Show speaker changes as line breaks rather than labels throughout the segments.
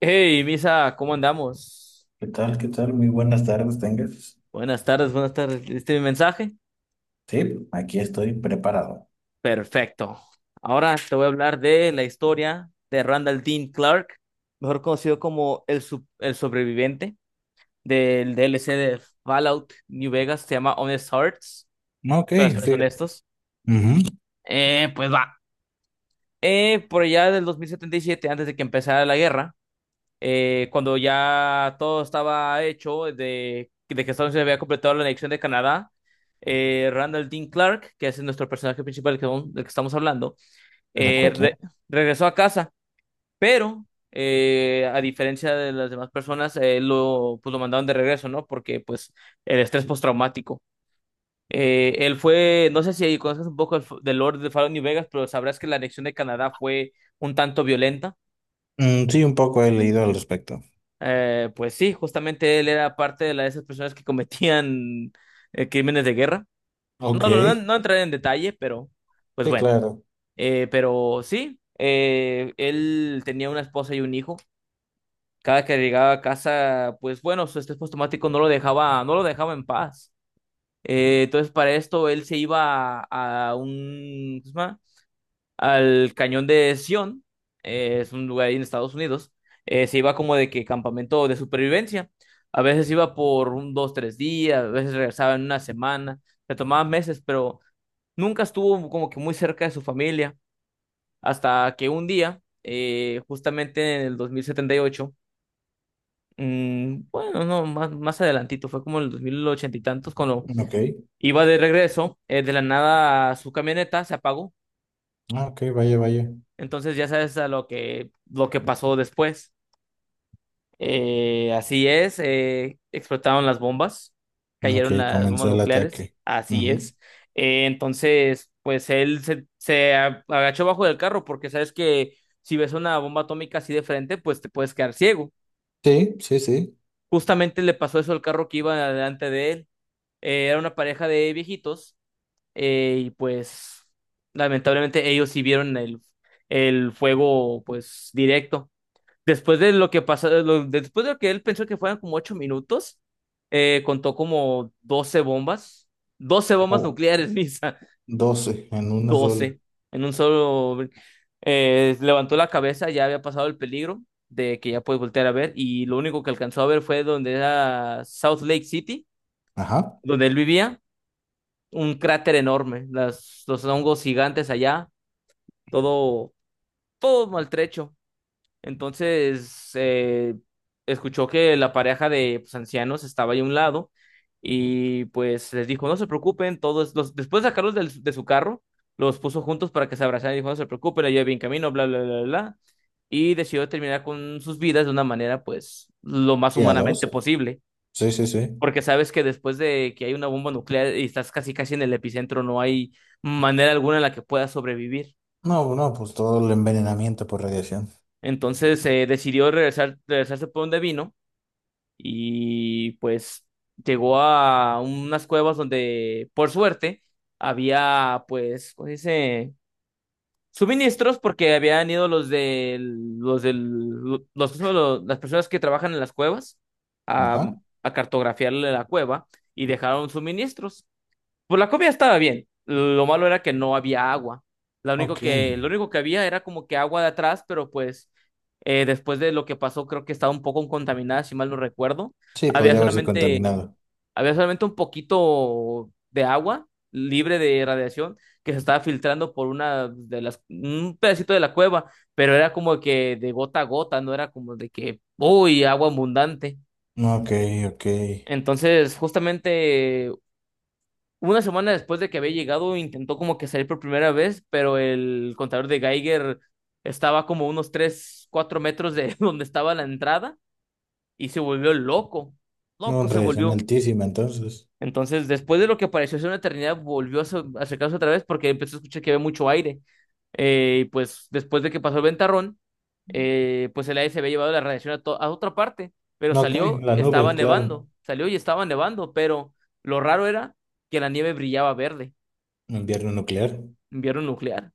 Hey, Misa, ¿cómo andamos?
¿Qué tal? ¿Qué tal? Muy buenas tardes, tengas.
Buenas tardes, buenas tardes. ¿Viste mi mensaje?
Sí, aquí estoy preparado.
Perfecto. Ahora te voy a hablar de la historia de Randall Dean Clark, mejor conocido como el sobreviviente del DLC de Fallout New Vegas. Se llama Honest Hearts,
Ok,
corazones
fíjate.
honestos.
Ujú,
Pues va. Por allá del 2077, antes de que empezara la guerra, cuando ya todo estaba hecho de que Estados Unidos había completado la anexión de Canadá, Randall Dean Clark, que es nuestro personaje principal del que, del que estamos hablando,
de
eh, re-
acuerdo.
regresó a casa, pero a diferencia de las demás personas, lo, pues, lo mandaron de regreso, ¿no? Porque pues el estrés postraumático. Él fue, no sé si conoces un poco del Lord de Fallon New Vegas, pero sabrás que la anexión de Canadá fue un tanto violenta.
Mm, sí, un poco he leído al respecto.
Pues sí, justamente él era parte de la de esas personas que cometían crímenes de guerra.
Ok,
No, no, no,
sí,
no entraré en detalle, pero pues bueno.
claro.
Pero sí, él tenía una esposa y un hijo. Cada que llegaba a casa, pues bueno, su estrés postraumático no lo dejaba en paz. Entonces para esto él se iba a un, ¿cómo se llama? Al cañón de Sion. Es un lugar ahí en Estados Unidos. Se iba como de que campamento de supervivencia. A veces iba por un, dos, tres días, a veces regresaba en una semana, se tomaba meses, pero nunca estuvo como que muy cerca de su familia, hasta que un día, justamente en el 2078. Bueno, no, más adelantito, fue como en el 2080 y tantos, cuando
Ok,
iba de regreso, de la nada su camioneta se apagó.
ah, ok, vaya, vaya.
Entonces ya sabes lo que pasó después. Así es, explotaron las bombas, cayeron
Ok,
las bombas
comenzó el
nucleares,
ataque.
así
Ujú.
es. Entonces, pues él se agachó bajo del carro, porque sabes que si ves una bomba atómica así de frente, pues te puedes quedar ciego.
Sí, sí, sí.
Justamente le pasó eso al carro que iba delante de él. Era una pareja de viejitos, y pues lamentablemente ellos sí vieron el fuego pues directo. Después de lo que pasó, después de lo que él pensó que fueran como 8 minutos, contó como 12 bombas, doce bombas
Oh,
nucleares, Misa,
12 en una sola.
12. En un solo... levantó la cabeza, ya había pasado el peligro de que ya puede voltear a ver, y lo único que alcanzó a ver fue donde era South Lake City,
Ajá.
donde él vivía, un cráter enorme, los hongos gigantes allá, todo, todo maltrecho. Entonces, escuchó que la pareja de pues, ancianos estaba ahí a un lado, y pues les dijo, "No se preocupen". Todos los, después de sacarlos de su carro, los puso juntos para que se abrazaran, y dijo, "No se preocupen, yo bien camino, bla, bla, bla, bla, bla". Y decidió terminar con sus vidas de una manera pues lo más
Y a
humanamente
12.
posible,
Sí, sí, sí.
porque sabes que después de que hay una bomba nuclear y estás casi casi en el epicentro, no hay manera alguna en la que puedas sobrevivir.
No, no, pues todo el envenenamiento por radiación.
Entonces decidió regresar, regresarse por donde vino, y pues llegó a unas cuevas donde, por suerte, había, pues, ¿cómo se dice? Suministros. Porque habían ido los de los del los- las personas que trabajan en las cuevas a,
Ajá.
a cartografiarle la cueva y dejaron suministros. Pues la comida estaba bien. Lo malo era que no había agua.
Ok.
Lo único que había era como que agua de atrás, pero pues después de lo que pasó, creo que estaba un poco contaminada, si mal no recuerdo.
Sí,
Había
podría haberse
solamente,
contaminado.
había solamente un poquito de agua libre de radiación que se estaba filtrando por un pedacito de la cueva, pero era como que de gota a gota, no era como de que, uy, agua abundante.
Ok, ok.
Entonces, justamente una semana después de que había llegado, intentó como que salir por primera vez, pero el contador de Geiger estaba como unos 3 4 metros de donde estaba la entrada, y se volvió loco.
No,
Loco
en
se
radiación
volvió.
altísima, entonces.
Entonces, después de lo que pareció ser una eternidad, volvió a acercarse otra vez porque empezó a escuchar que había mucho aire. Y pues después de que pasó el ventarrón, pues el aire se había llevado la radiación a otra parte, pero
No, ok,
salió,
la
estaba
nube, claro.
nevando, salió y estaba nevando, pero lo raro era que la nieve brillaba verde.
Invierno nuclear.
Invierno nuclear.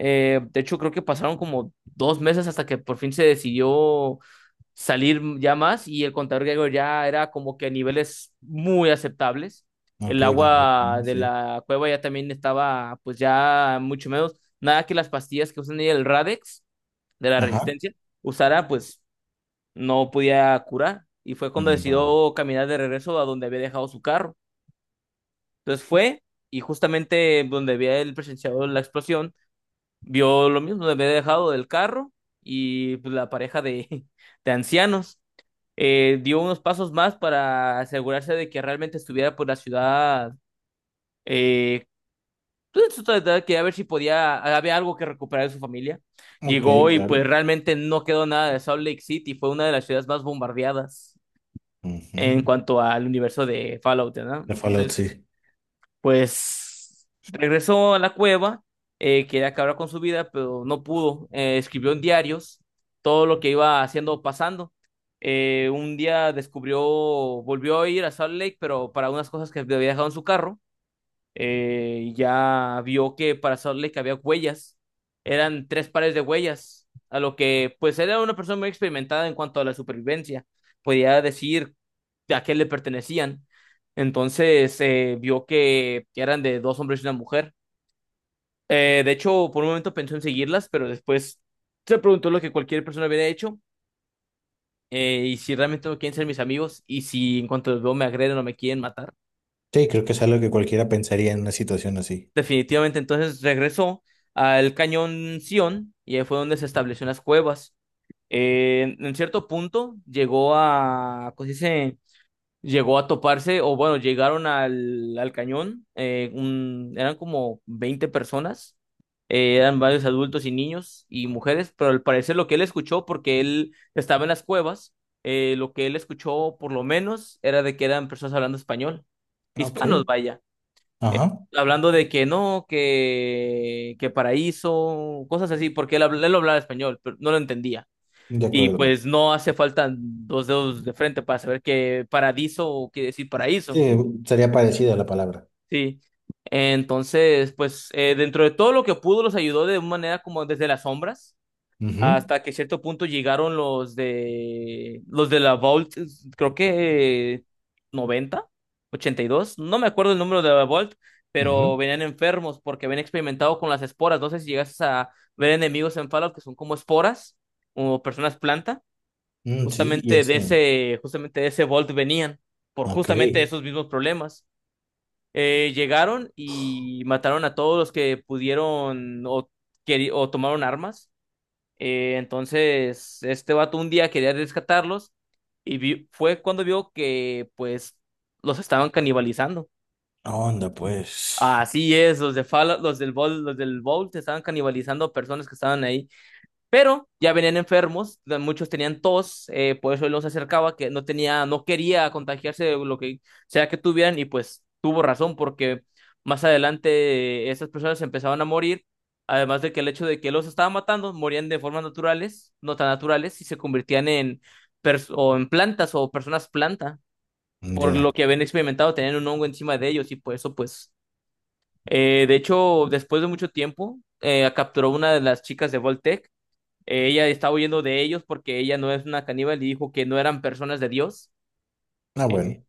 De hecho, creo que pasaron como 2 meses hasta que por fin se decidió salir ya más, y el contador griego ya era como que a niveles muy aceptables.
Ok,
El
vale,
agua de
sí.
la cueva ya también estaba pues ya mucho menos. Nada que las pastillas que usan ahí, el Radex de la
Ajá.
resistencia usara, pues no podía curar. Y fue cuando
Mm, bro.
decidió caminar de regreso a donde había dejado su carro. Entonces fue, y justamente donde había él presenciado la explosión vio lo mismo, me había dejado del carro, y pues, la pareja de, de ancianos, dio unos pasos más para asegurarse de que realmente estuviera por la ciudad. Eh, pues, en su totalidad, quería ver si podía, había algo que recuperar de su familia.
Ok,
Llegó y pues
claro.
realmente no quedó nada de Salt Lake City, fue una de las ciudades más bombardeadas en
Ujú.
cuanto al universo de Fallout, ¿no?
La Fallout,
Entonces...
sí.
pues regresó a la cueva. Quería acabar con su vida, pero no pudo. Escribió en diarios todo lo que iba haciendo o pasando. Un día descubrió, volvió a ir a Salt Lake, pero para unas cosas que había dejado en su carro, ya vio que para Salt Lake había huellas. Eran 3 pares de huellas, a lo que pues era una persona muy experimentada en cuanto a la supervivencia. Podía decir a qué le pertenecían. Entonces vio que eran de dos hombres y una mujer. De hecho, por un momento pensó en seguirlas, pero después se preguntó lo que cualquier persona hubiera hecho. ¿Y si realmente no quieren ser mis amigos y si en cuanto los veo me agreden o me quieren matar?
Sí, creo que es algo que cualquiera pensaría en una situación así.
Definitivamente, entonces regresó al cañón Sion y ahí fue donde se estableció en las cuevas. En cierto punto llegó a, ¿cómo se dice? Llegó a toparse, o bueno, llegaron al cañón, eran como 20 personas, eran varios adultos y niños y mujeres, pero al parecer lo que él escuchó, porque él estaba en las cuevas, lo que él escuchó por lo menos era de que eran personas hablando español, hispanos,
Ok.
vaya,
Ajá.
hablando de que no, que paraíso, cosas así, porque él, él hablaba español, pero no lo entendía.
De
Y
acuerdo.
pues no hace falta dos dedos de frente para saber que paradiso quiere decir paraíso,
Sí, sería parecida la palabra.
sí. Entonces, pues dentro de todo lo que pudo, los ayudó de una manera como desde las sombras,
Ujú,
hasta que cierto punto llegaron los de la Vault. Creo que noventa ochenta y dos, no me acuerdo el número de la Vault, pero
ujú.
venían enfermos porque habían experimentado con las esporas. No sé si llegas a ver enemigos en Fallout que son como esporas o personas planta,
Mm, sí, y eso.
justamente de ese Vault venían por
Ok.
justamente esos mismos problemas. Llegaron y mataron a todos los que pudieron, o tomaron armas. Entonces, este vato un día quería rescatarlos, fue cuando vio que pues los estaban canibalizando.
Onda, pues.
Así es, los de Fallout, los del Vault estaban canibalizando a personas que estaban ahí. Pero ya venían enfermos, muchos tenían tos. Por eso él los acercaba, que no tenía, no quería contagiarse de lo que sea que tuvieran, y pues tuvo razón, porque más adelante esas personas empezaban a morir. Además de que el hecho de que él los estaba matando, morían de formas naturales, no tan naturales, y se convertían en, o en plantas o personas planta, por lo
Ya.
que habían experimentado, tenían un hongo encima de ellos, y por eso pues, de hecho, después de mucho tiempo, capturó una de las chicas de Voltec. Ella estaba huyendo de ellos porque ella no es una caníbal y dijo que no eran personas de Dios.
Ah,
Eh,
bueno.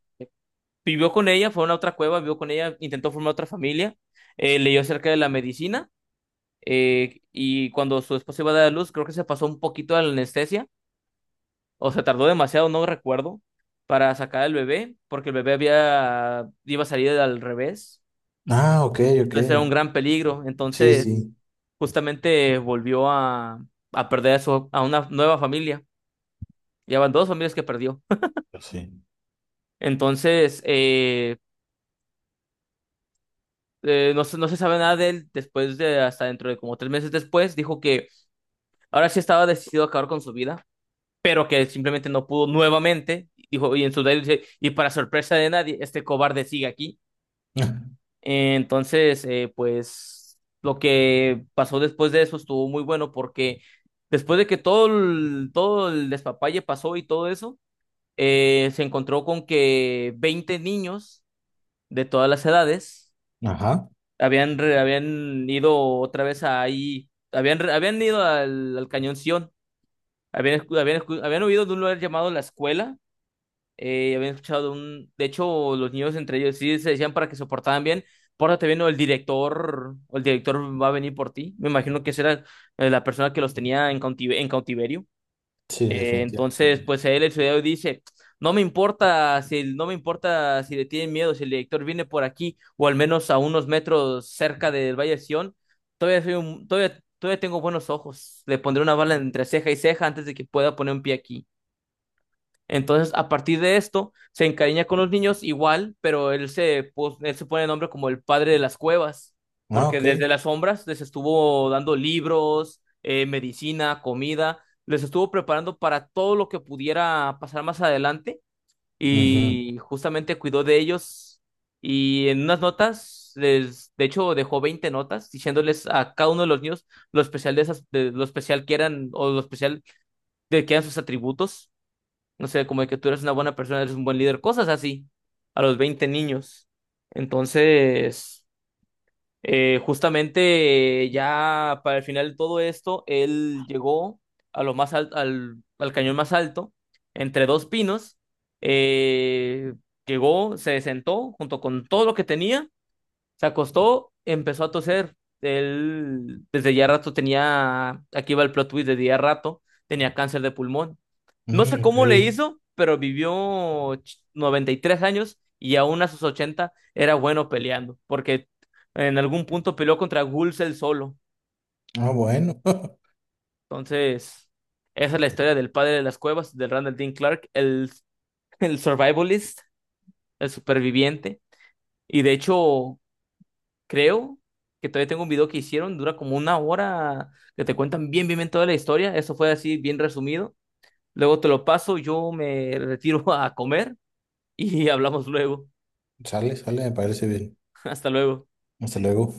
Vivió con ella, fue a una otra cueva, vivió con ella, intentó formar otra familia, leyó acerca de la medicina, y cuando su esposa iba a dar a luz, creo que se pasó un poquito de la anestesia, o se tardó demasiado, no recuerdo, para sacar al bebé, porque el bebé iba a salir al revés,
Ah, ok, ok.
entonces era un gran peligro.
Sí,
Entonces
sí.
justamente volvió a perder a una nueva familia. Ya van dos familias que perdió.
Pues sí.
Entonces, no, no se sabe nada de él después de hasta dentro de como 3 meses después. Dijo que ahora sí estaba decidido a acabar con su vida, pero que simplemente no pudo nuevamente. Dijo, y en su diario dice, "Y para sorpresa de nadie, este cobarde sigue aquí". Entonces, pues lo que pasó después de eso estuvo muy bueno, porque después de que todo el despapalle pasó y todo eso, se encontró con que 20 niños de todas las edades
Ajá.
Habían ido otra vez ahí, habían ido al Cañón Sion, habían huido de un lugar llamado La Escuela. Habían escuchado de un, de hecho, los niños entre ellos sí se decían para que se portaran bien, "Pórtate bien o el director", va a venir por ti. Me imagino que esa era la persona que los tenía en cautiverio.
Sí,
Entonces,
definitivamente.
pues a él el ciudadano dice, "No me importa si le tienen miedo. Si el director viene por aquí o al menos a unos metros cerca del Valle de Sion, todavía tengo buenos ojos. Le pondré una bala entre ceja y ceja antes de que pueda poner un pie aquí". Entonces, a partir de esto, se encariña con los niños igual, pero él se pone el nombre como el padre de las cuevas,
Ah,
porque
ok.
desde las sombras les estuvo dando libros, medicina, comida, les estuvo preparando para todo lo que pudiera pasar más adelante,
Ujú.
y justamente cuidó de ellos. Y en unas notas, les, de hecho, dejó 20 notas diciéndoles a cada uno de los niños lo especial de lo especial que eran, o lo especial de que eran sus atributos, no sé, como de que tú eres una buena persona, eres un buen líder, cosas así, a los 20 niños. Entonces, justamente ya para el final de todo esto, él llegó a lo más al cañón más alto, entre dos pinos. eh, Llegó, se sentó junto con todo lo que tenía, se acostó, empezó a toser. Él desde ya rato tenía, aquí va el plot twist, desde ya rato tenía cáncer de pulmón. No sé
Mm,
cómo le
ok.
hizo, pero vivió 93 años, y aún a sus 80 era bueno peleando, porque en algún punto peleó contra Gulsel solo.
Ah, bueno.
Entonces, esa es la historia del padre de las cuevas, del Randall Dean Clark, el survivalist, el superviviente. Y de hecho, creo que todavía tengo un video que hicieron, dura como una hora, que te cuentan bien, bien, bien toda la historia. Eso fue así, bien resumido. Luego te lo paso, yo me retiro a comer y hablamos luego.
Sale, sale, me parece bien.
Hasta luego.
Hasta luego.